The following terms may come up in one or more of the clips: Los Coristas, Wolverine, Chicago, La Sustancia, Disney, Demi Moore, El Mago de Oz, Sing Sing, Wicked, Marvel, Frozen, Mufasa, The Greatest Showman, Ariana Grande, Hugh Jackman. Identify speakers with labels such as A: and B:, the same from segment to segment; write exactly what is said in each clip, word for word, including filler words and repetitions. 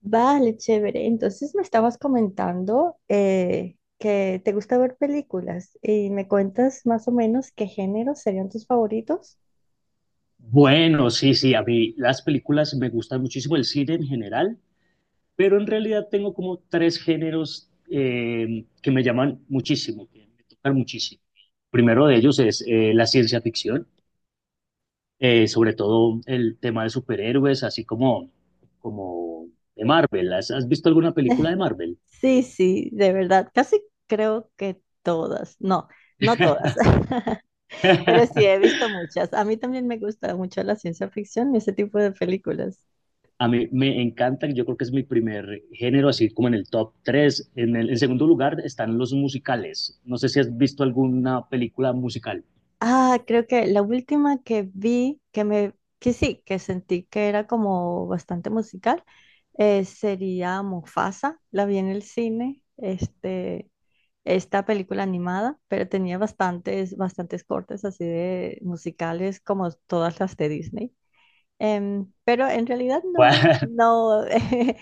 A: Vale, chévere. Entonces me estabas comentando eh, que te gusta ver películas y me cuentas más o menos qué géneros serían tus favoritos.
B: Bueno, sí, sí, a mí las películas me gustan muchísimo, el cine en general, pero en realidad tengo como tres géneros eh, que me llaman muchísimo, que me tocan muchísimo. Primero de ellos es eh, la ciencia ficción, eh, sobre todo el tema de superhéroes, así como, como de Marvel. ¿Has, has visto alguna película de Marvel?
A: Sí, sí, de verdad, casi creo que todas, no, no todas, pero sí he visto muchas. A mí también me gusta mucho la ciencia ficción y ese tipo de películas.
B: A mí me encantan, yo creo que es mi primer género, así como en el top tres. En el en segundo lugar están los musicales. No sé si has visto alguna película musical.
A: Ah, creo que la última que vi, que me, que sí, que sentí que era como bastante musical, eh, sería Mufasa. La vi en el cine, este, esta película animada, pero tenía bastantes, bastantes cortes así de musicales como todas las de Disney. Em, pero en realidad no, no, eh,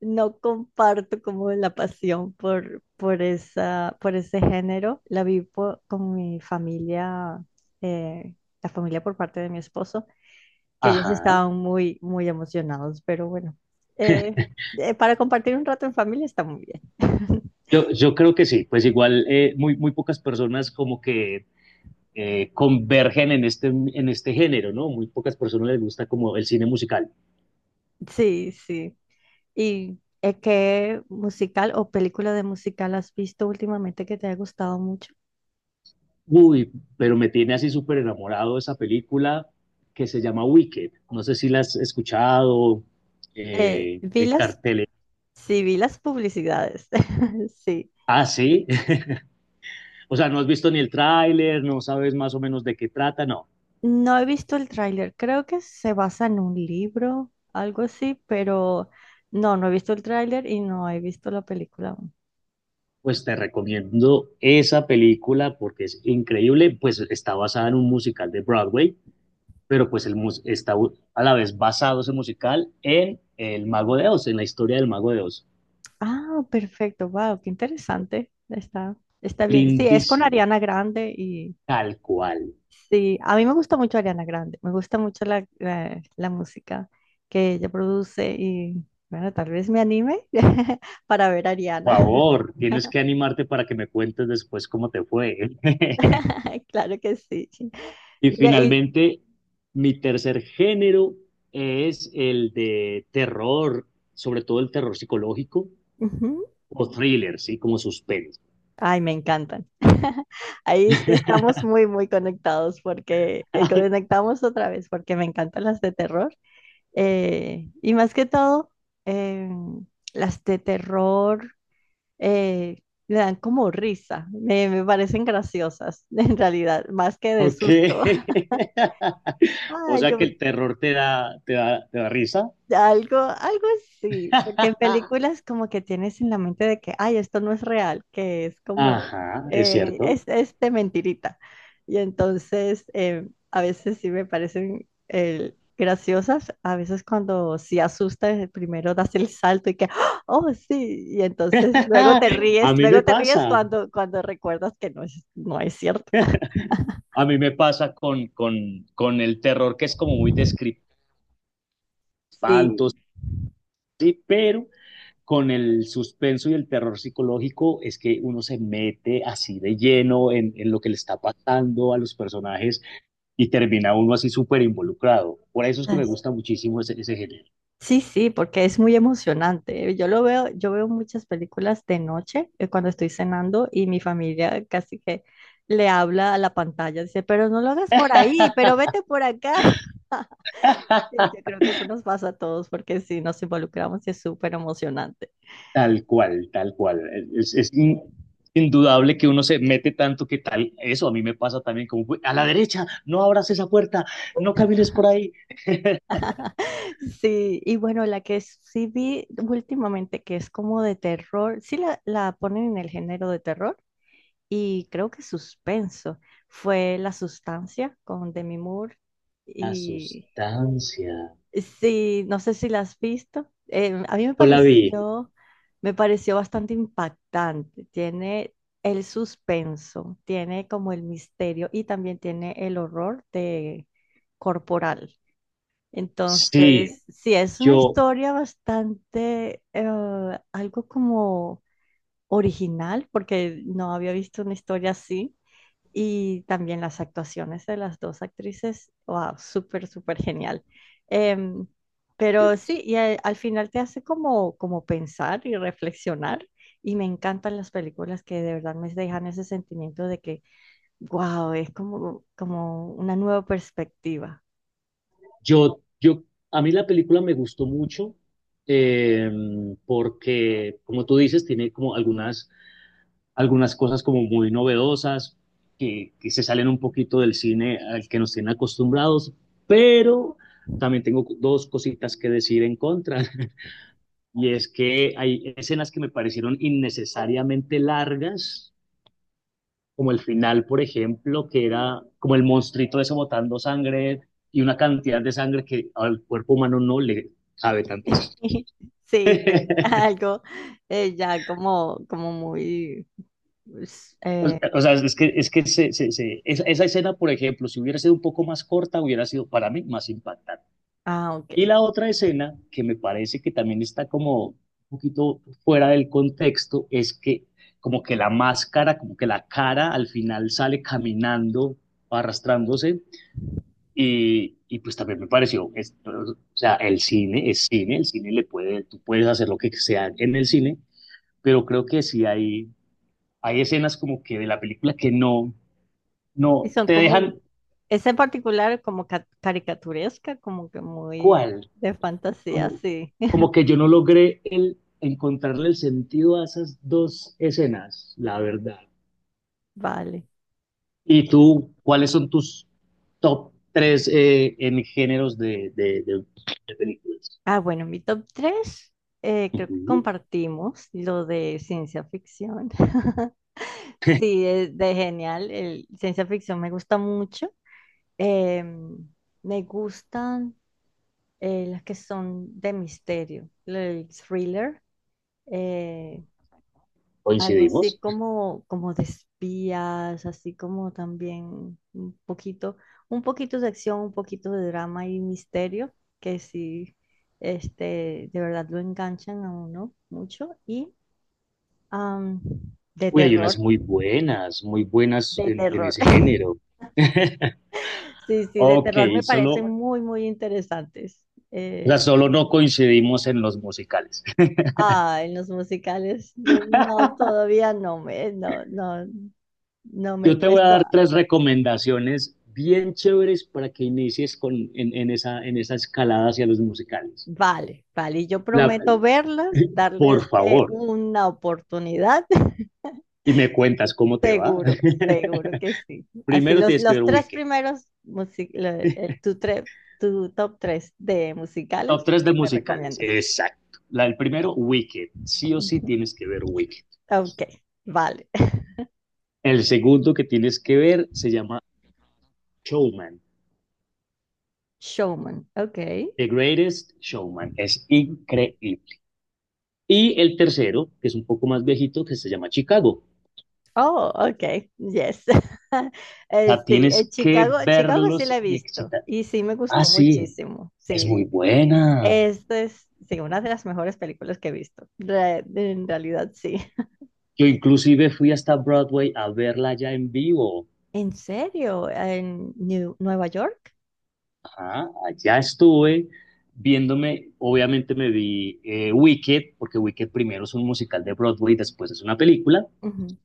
A: no comparto como la pasión por, por esa, por ese género. La vi po- con mi familia, eh, la familia por parte de mi esposo, que ellos
B: Ajá.
A: estaban muy, muy emocionados, pero bueno, eh, eh, para compartir un rato en familia está muy bien.
B: Yo, yo creo que sí, pues igual eh, muy, muy pocas personas como que eh, convergen en este, en este género, ¿no? Muy pocas personas les gusta como el cine musical.
A: Sí, sí. ¿Y eh, qué musical o película de musical has visto últimamente que te haya gustado mucho?
B: Uy, pero me tiene así súper enamorado esa película que se llama Wicked. No sé si la has escuchado,
A: Eh,
B: eh,
A: vi
B: el
A: las
B: cartel.
A: Sí, vi las publicidades. Sí.
B: Ah, sí, o sea, no has visto ni el tráiler, no sabes más o menos de qué trata, no.
A: No he visto el tráiler. Creo que se basa en un libro, algo así, pero no, no he visto el tráiler y no he visto la película aún.
B: Pues te recomiendo esa película porque es increíble, pues está basada en un musical de Broadway, pero pues el mus está a la vez basado ese musical en El Mago de Oz, en la historia del Mago de Oz.
A: Ah, perfecto. Wow, qué interesante. Está, está bien. Sí, es con
B: Lindísima,
A: Ariana Grande y
B: tal cual.
A: sí, a mí me gusta mucho Ariana Grande. Me gusta mucho la, la, la música que ella produce y bueno, tal vez me anime para ver a
B: Por
A: Ariana.
B: favor, tienes que animarte para que me cuentes después cómo te fue.
A: Claro que sí.
B: Y
A: Mira, y
B: finalmente, mi tercer género es el de terror, sobre todo el terror psicológico
A: Ujú.
B: o thriller, ¿sí? Como suspense.
A: Ay, me encantan. Ahí sí estamos muy, muy conectados porque eh, conectamos otra vez porque me encantan las de terror. Eh, y más que todo, em, las de terror eh, me dan como risa. Me, me parecen graciosas, en realidad, más que de
B: Ok.
A: susto.
B: O
A: Ay,
B: sea
A: yo
B: que el terror te da, te da, te da risa.
A: Algo, algo así, porque en películas como que tienes en la mente de que, ay, esto no es real, que es como,
B: Ajá, es
A: eh,
B: cierto.
A: es, es de mentirita. Y entonces eh, a veces sí me parecen eh, graciosas, a veces cuando sí asustas, eh, primero das el salto y que, ¡ah! Oh, sí, y entonces luego te ríes,
B: A mí me
A: luego te ríes
B: pasa.
A: cuando, cuando recuerdas que no es, no es cierto.
B: A mí me pasa con, con, con el terror que es como muy de
A: Sí.
B: espantos, sí, pero con el suspenso y el terror psicológico es que uno se mete así de lleno en, en lo que le está pasando a los personajes y termina uno así súper involucrado. Por eso es que me gusta muchísimo ese, ese género.
A: Sí, sí, porque es muy emocionante. ¿Eh? Yo lo veo, yo veo muchas películas de noche eh, cuando estoy cenando y mi familia casi que le habla a la pantalla, dice, pero no lo hagas por ahí, pero vete por acá. Y yo creo que eso nos pasa a todos porque si nos involucramos y es súper emocionante.
B: Tal cual, tal cual. Es, es in, Indudable que uno se mete tanto que tal. Eso a mí me pasa también como, a la derecha, no abras esa puerta, no camines por ahí.
A: Sí, y bueno, la que sí vi últimamente que es como de terror, sí la, la ponen en el género de terror y creo que suspenso, fue La Sustancia con Demi Moore.
B: La
A: Y
B: sustancia.
A: sí, no sé si la has visto. Eh, a mí me
B: Hola, vi.
A: pareció, me pareció bastante impactante. Tiene el suspenso, tiene como el misterio y también tiene el horror de corporal.
B: Sí,
A: Entonces, sí, es una
B: yo
A: historia bastante, eh, algo como original, porque no había visto una historia así. Y también las actuaciones de las dos actrices, wow, súper, súper genial. Em, pero sí, y al, al final te hace como, como pensar y reflexionar. Y me encantan las películas que de verdad me dejan ese sentimiento de que, wow, es como, como una nueva perspectiva.
B: Yo, yo, a mí la película me gustó mucho eh, porque, como tú dices, tiene como algunas, algunas cosas como muy novedosas que, que se salen un poquito del cine al que nos tienen acostumbrados, pero también tengo dos cositas que decir en contra. Y es que hay escenas que me parecieron innecesariamente largas como el final, por ejemplo, que era como el monstruito ese botando sangre y una cantidad de sangre que al cuerpo humano no le cabe tanto.
A: Sí, sí, algo eh, ya como, como muy... pues, eh,
B: O sea, es que, es que se- se- se- esa, esa escena, por ejemplo, si hubiera sido un poco más corta, hubiera sido para mí más impactante.
A: ah,
B: Y
A: ok.
B: la otra escena, que me parece que también está como un poquito fuera del contexto, es que como que la máscara, como que la cara al final sale caminando, arrastrándose. Y, y pues también me pareció, es- o sea, el cine es cine, el cine le puede, tú puedes hacer lo que sea en el cine, pero creo que sí hay, hay escenas como que de la película que no,
A: Y
B: no,
A: son
B: te
A: como,
B: dejan
A: esa en particular como ca- caricaturesca, como que muy
B: cuál,
A: de fantasía,
B: como,
A: sí.
B: como que yo no logré el, encontrarle el sentido a esas dos escenas, la verdad.
A: Vale.
B: ¿Y tú, cuáles son tus top tres eh, en géneros de, de, de- de películas?
A: Ah, bueno, mi top tres eh, creo que
B: Ujú.
A: compartimos lo de ciencia ficción. Sí, es de genial. El, ciencia ficción me gusta mucho. Em, Me gustan eh, las que son de misterio, el thriller. Eh, algo así
B: Coincidimos.
A: como, como de espías, así como también un poquito, un poquito de acción, un poquito de drama y misterio, que sí, este, de verdad lo enganchan a uno mucho. Y am, de
B: Uy, hay unas
A: terror,
B: muy buenas, muy buenas
A: de
B: en, en
A: terror.
B: ese género.
A: Sí, sí, de
B: Ok,
A: terror me
B: solo,
A: parecen
B: o
A: muy, muy interesantes.
B: sea,
A: Eh,
B: solo no coincidimos en los musicales.
A: ah, en los musicales, no, todavía no me, no, no, no me he
B: Yo te voy a
A: puesto.
B: dar tres recomendaciones bien chéveres para que inicies con, en, en esa, en esa escalada hacia los musicales.
A: Vale, vale, y yo
B: La,
A: prometo verlas,
B: por
A: darles eh,
B: favor,
A: una oportunidad,
B: y me cuentas cómo te va.
A: seguro, seguro que sí. Así
B: Primero
A: los,
B: tienes que ver
A: los tres
B: Wicked.
A: primeros, musi- lo- el, tu, tre- tu top tres de
B: Top
A: musicales
B: tres de
A: que me
B: musicales,
A: recomiendas.
B: exacto. La del primero, Wicked. Sí o sí
A: Ujú.
B: tienes que ver Wicked.
A: Ok, vale.
B: El segundo que tienes que ver se llama Showman.
A: Showman, ok.
B: The Greatest Showman. Es increíble. Y el tercero, que es un poco más viejito, que se llama Chicago.
A: Oh, ok, yes.
B: O
A: Eh,
B: sea,
A: sí,
B: tienes
A: eh,
B: que
A: Chicago, Chicago sí la
B: verlos
A: he
B: y
A: visto
B: excitar.
A: y sí me
B: Ah,
A: gustó
B: sí,
A: muchísimo,
B: es
A: sí,
B: muy buena.
A: esta es, sí, una de las mejores películas que he visto. Re- en realidad, sí.
B: Yo inclusive fui hasta Broadway a verla ya en vivo.
A: ¿En serio? ¿En New- Nueva York?
B: Ajá, allá estuve viéndome, obviamente me vi eh, Wicked, porque Wicked primero es un musical de Broadway, después es una película.
A: Ujú.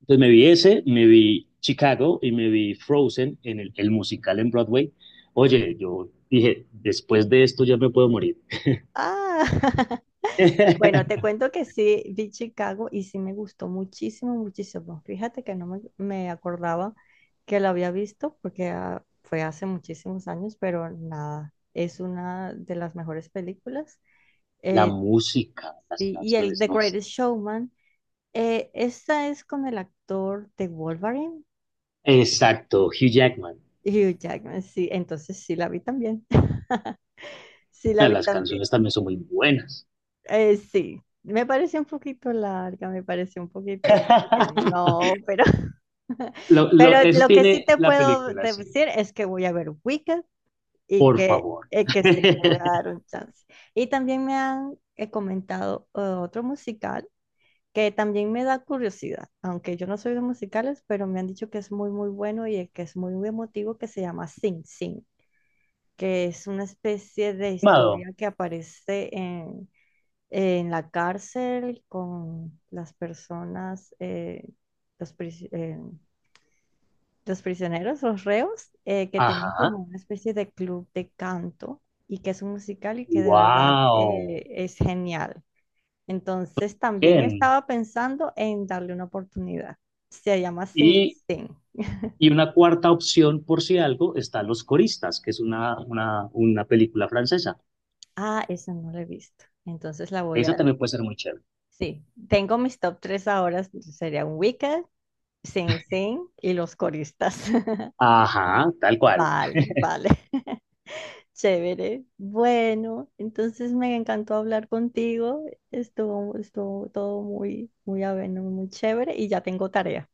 B: Entonces me vi ese, me vi Chicago y me vi Frozen en el, el musical en Broadway. Oye, yo dije, después de esto ya me puedo morir.
A: Ah, bueno, te cuento que sí, vi Chicago y sí me gustó muchísimo, muchísimo. Fíjate que no me, me acordaba que la había visto porque ah, fue hace muchísimos años, pero nada, es una de las mejores películas.
B: La
A: Eh,
B: música, las
A: y, y el
B: canciones,
A: The
B: no sé.
A: Greatest Showman, eh, esta es con el actor de Wolverine,
B: Exacto, Hugh Jackman.
A: y Hugh Jackman, sí, entonces sí la vi también. Sí la
B: Ah,
A: vi
B: las
A: también.
B: canciones también son muy buenas.
A: Eh, sí, me parece un poquito larga, me parece un poquito como que no, pero,
B: Lo, lo-
A: pero
B: eso
A: lo que sí
B: tiene
A: te
B: la
A: puedo
B: película, sí.
A: decir es que voy a ver Wicked y
B: Por
A: que,
B: favor.
A: eh, que sí, le voy a dar un chance. Y también me han eh, comentado eh, otro musical que también me da curiosidad, aunque yo no soy de musicales, pero me han dicho que es muy, muy bueno y eh, que es muy, muy emotivo, que se llama Sing Sing. Que es una especie de
B: Mado.
A: historia que aparece en, en la cárcel con las personas, eh, los, pris- eh, los prisioneros, los reos, eh, que tienen como
B: Ajá.
A: una especie de club de canto y que es un musical y que de verdad
B: Wow.
A: eh, es genial. Entonces también
B: Bien.
A: estaba pensando en darle una oportunidad. Se llama Sing
B: Y
A: Sing.
B: Y una cuarta opción, por si algo, están Los Coristas, que es una, una, una película francesa.
A: Ah, esa no la he visto. Entonces la voy
B: Esa
A: a...
B: también puede ser muy chévere.
A: Sí, tengo mis top tres ahora, serían Wicked, Sing Sing y Los Coristas.
B: Ajá, tal cual.
A: Vale, vale. Chévere. Bueno, entonces me encantó hablar contigo. Estuvo, estuvo todo muy, muy ameno, muy chévere y ya tengo tarea.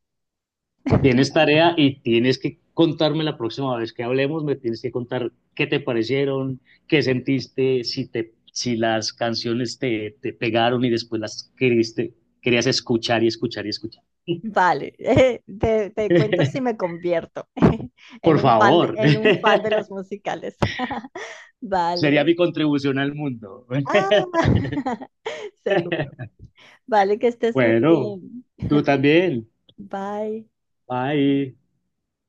B: Tienes tarea y tienes que contarme la próxima vez que hablemos, me tienes que contar qué te parecieron, qué sentiste, si, te, si las canciones te, te pegaron y después las queriste, querías escuchar y escuchar y escuchar.
A: Vale, te, te cuento si me convierto en
B: Por
A: un fan de,
B: favor,
A: en un fan de los musicales. Vale.
B: sería mi contribución al mundo.
A: Ah, seguro. Vale, que estés muy
B: Bueno,
A: bien.
B: tú también.
A: Bye.
B: Bye.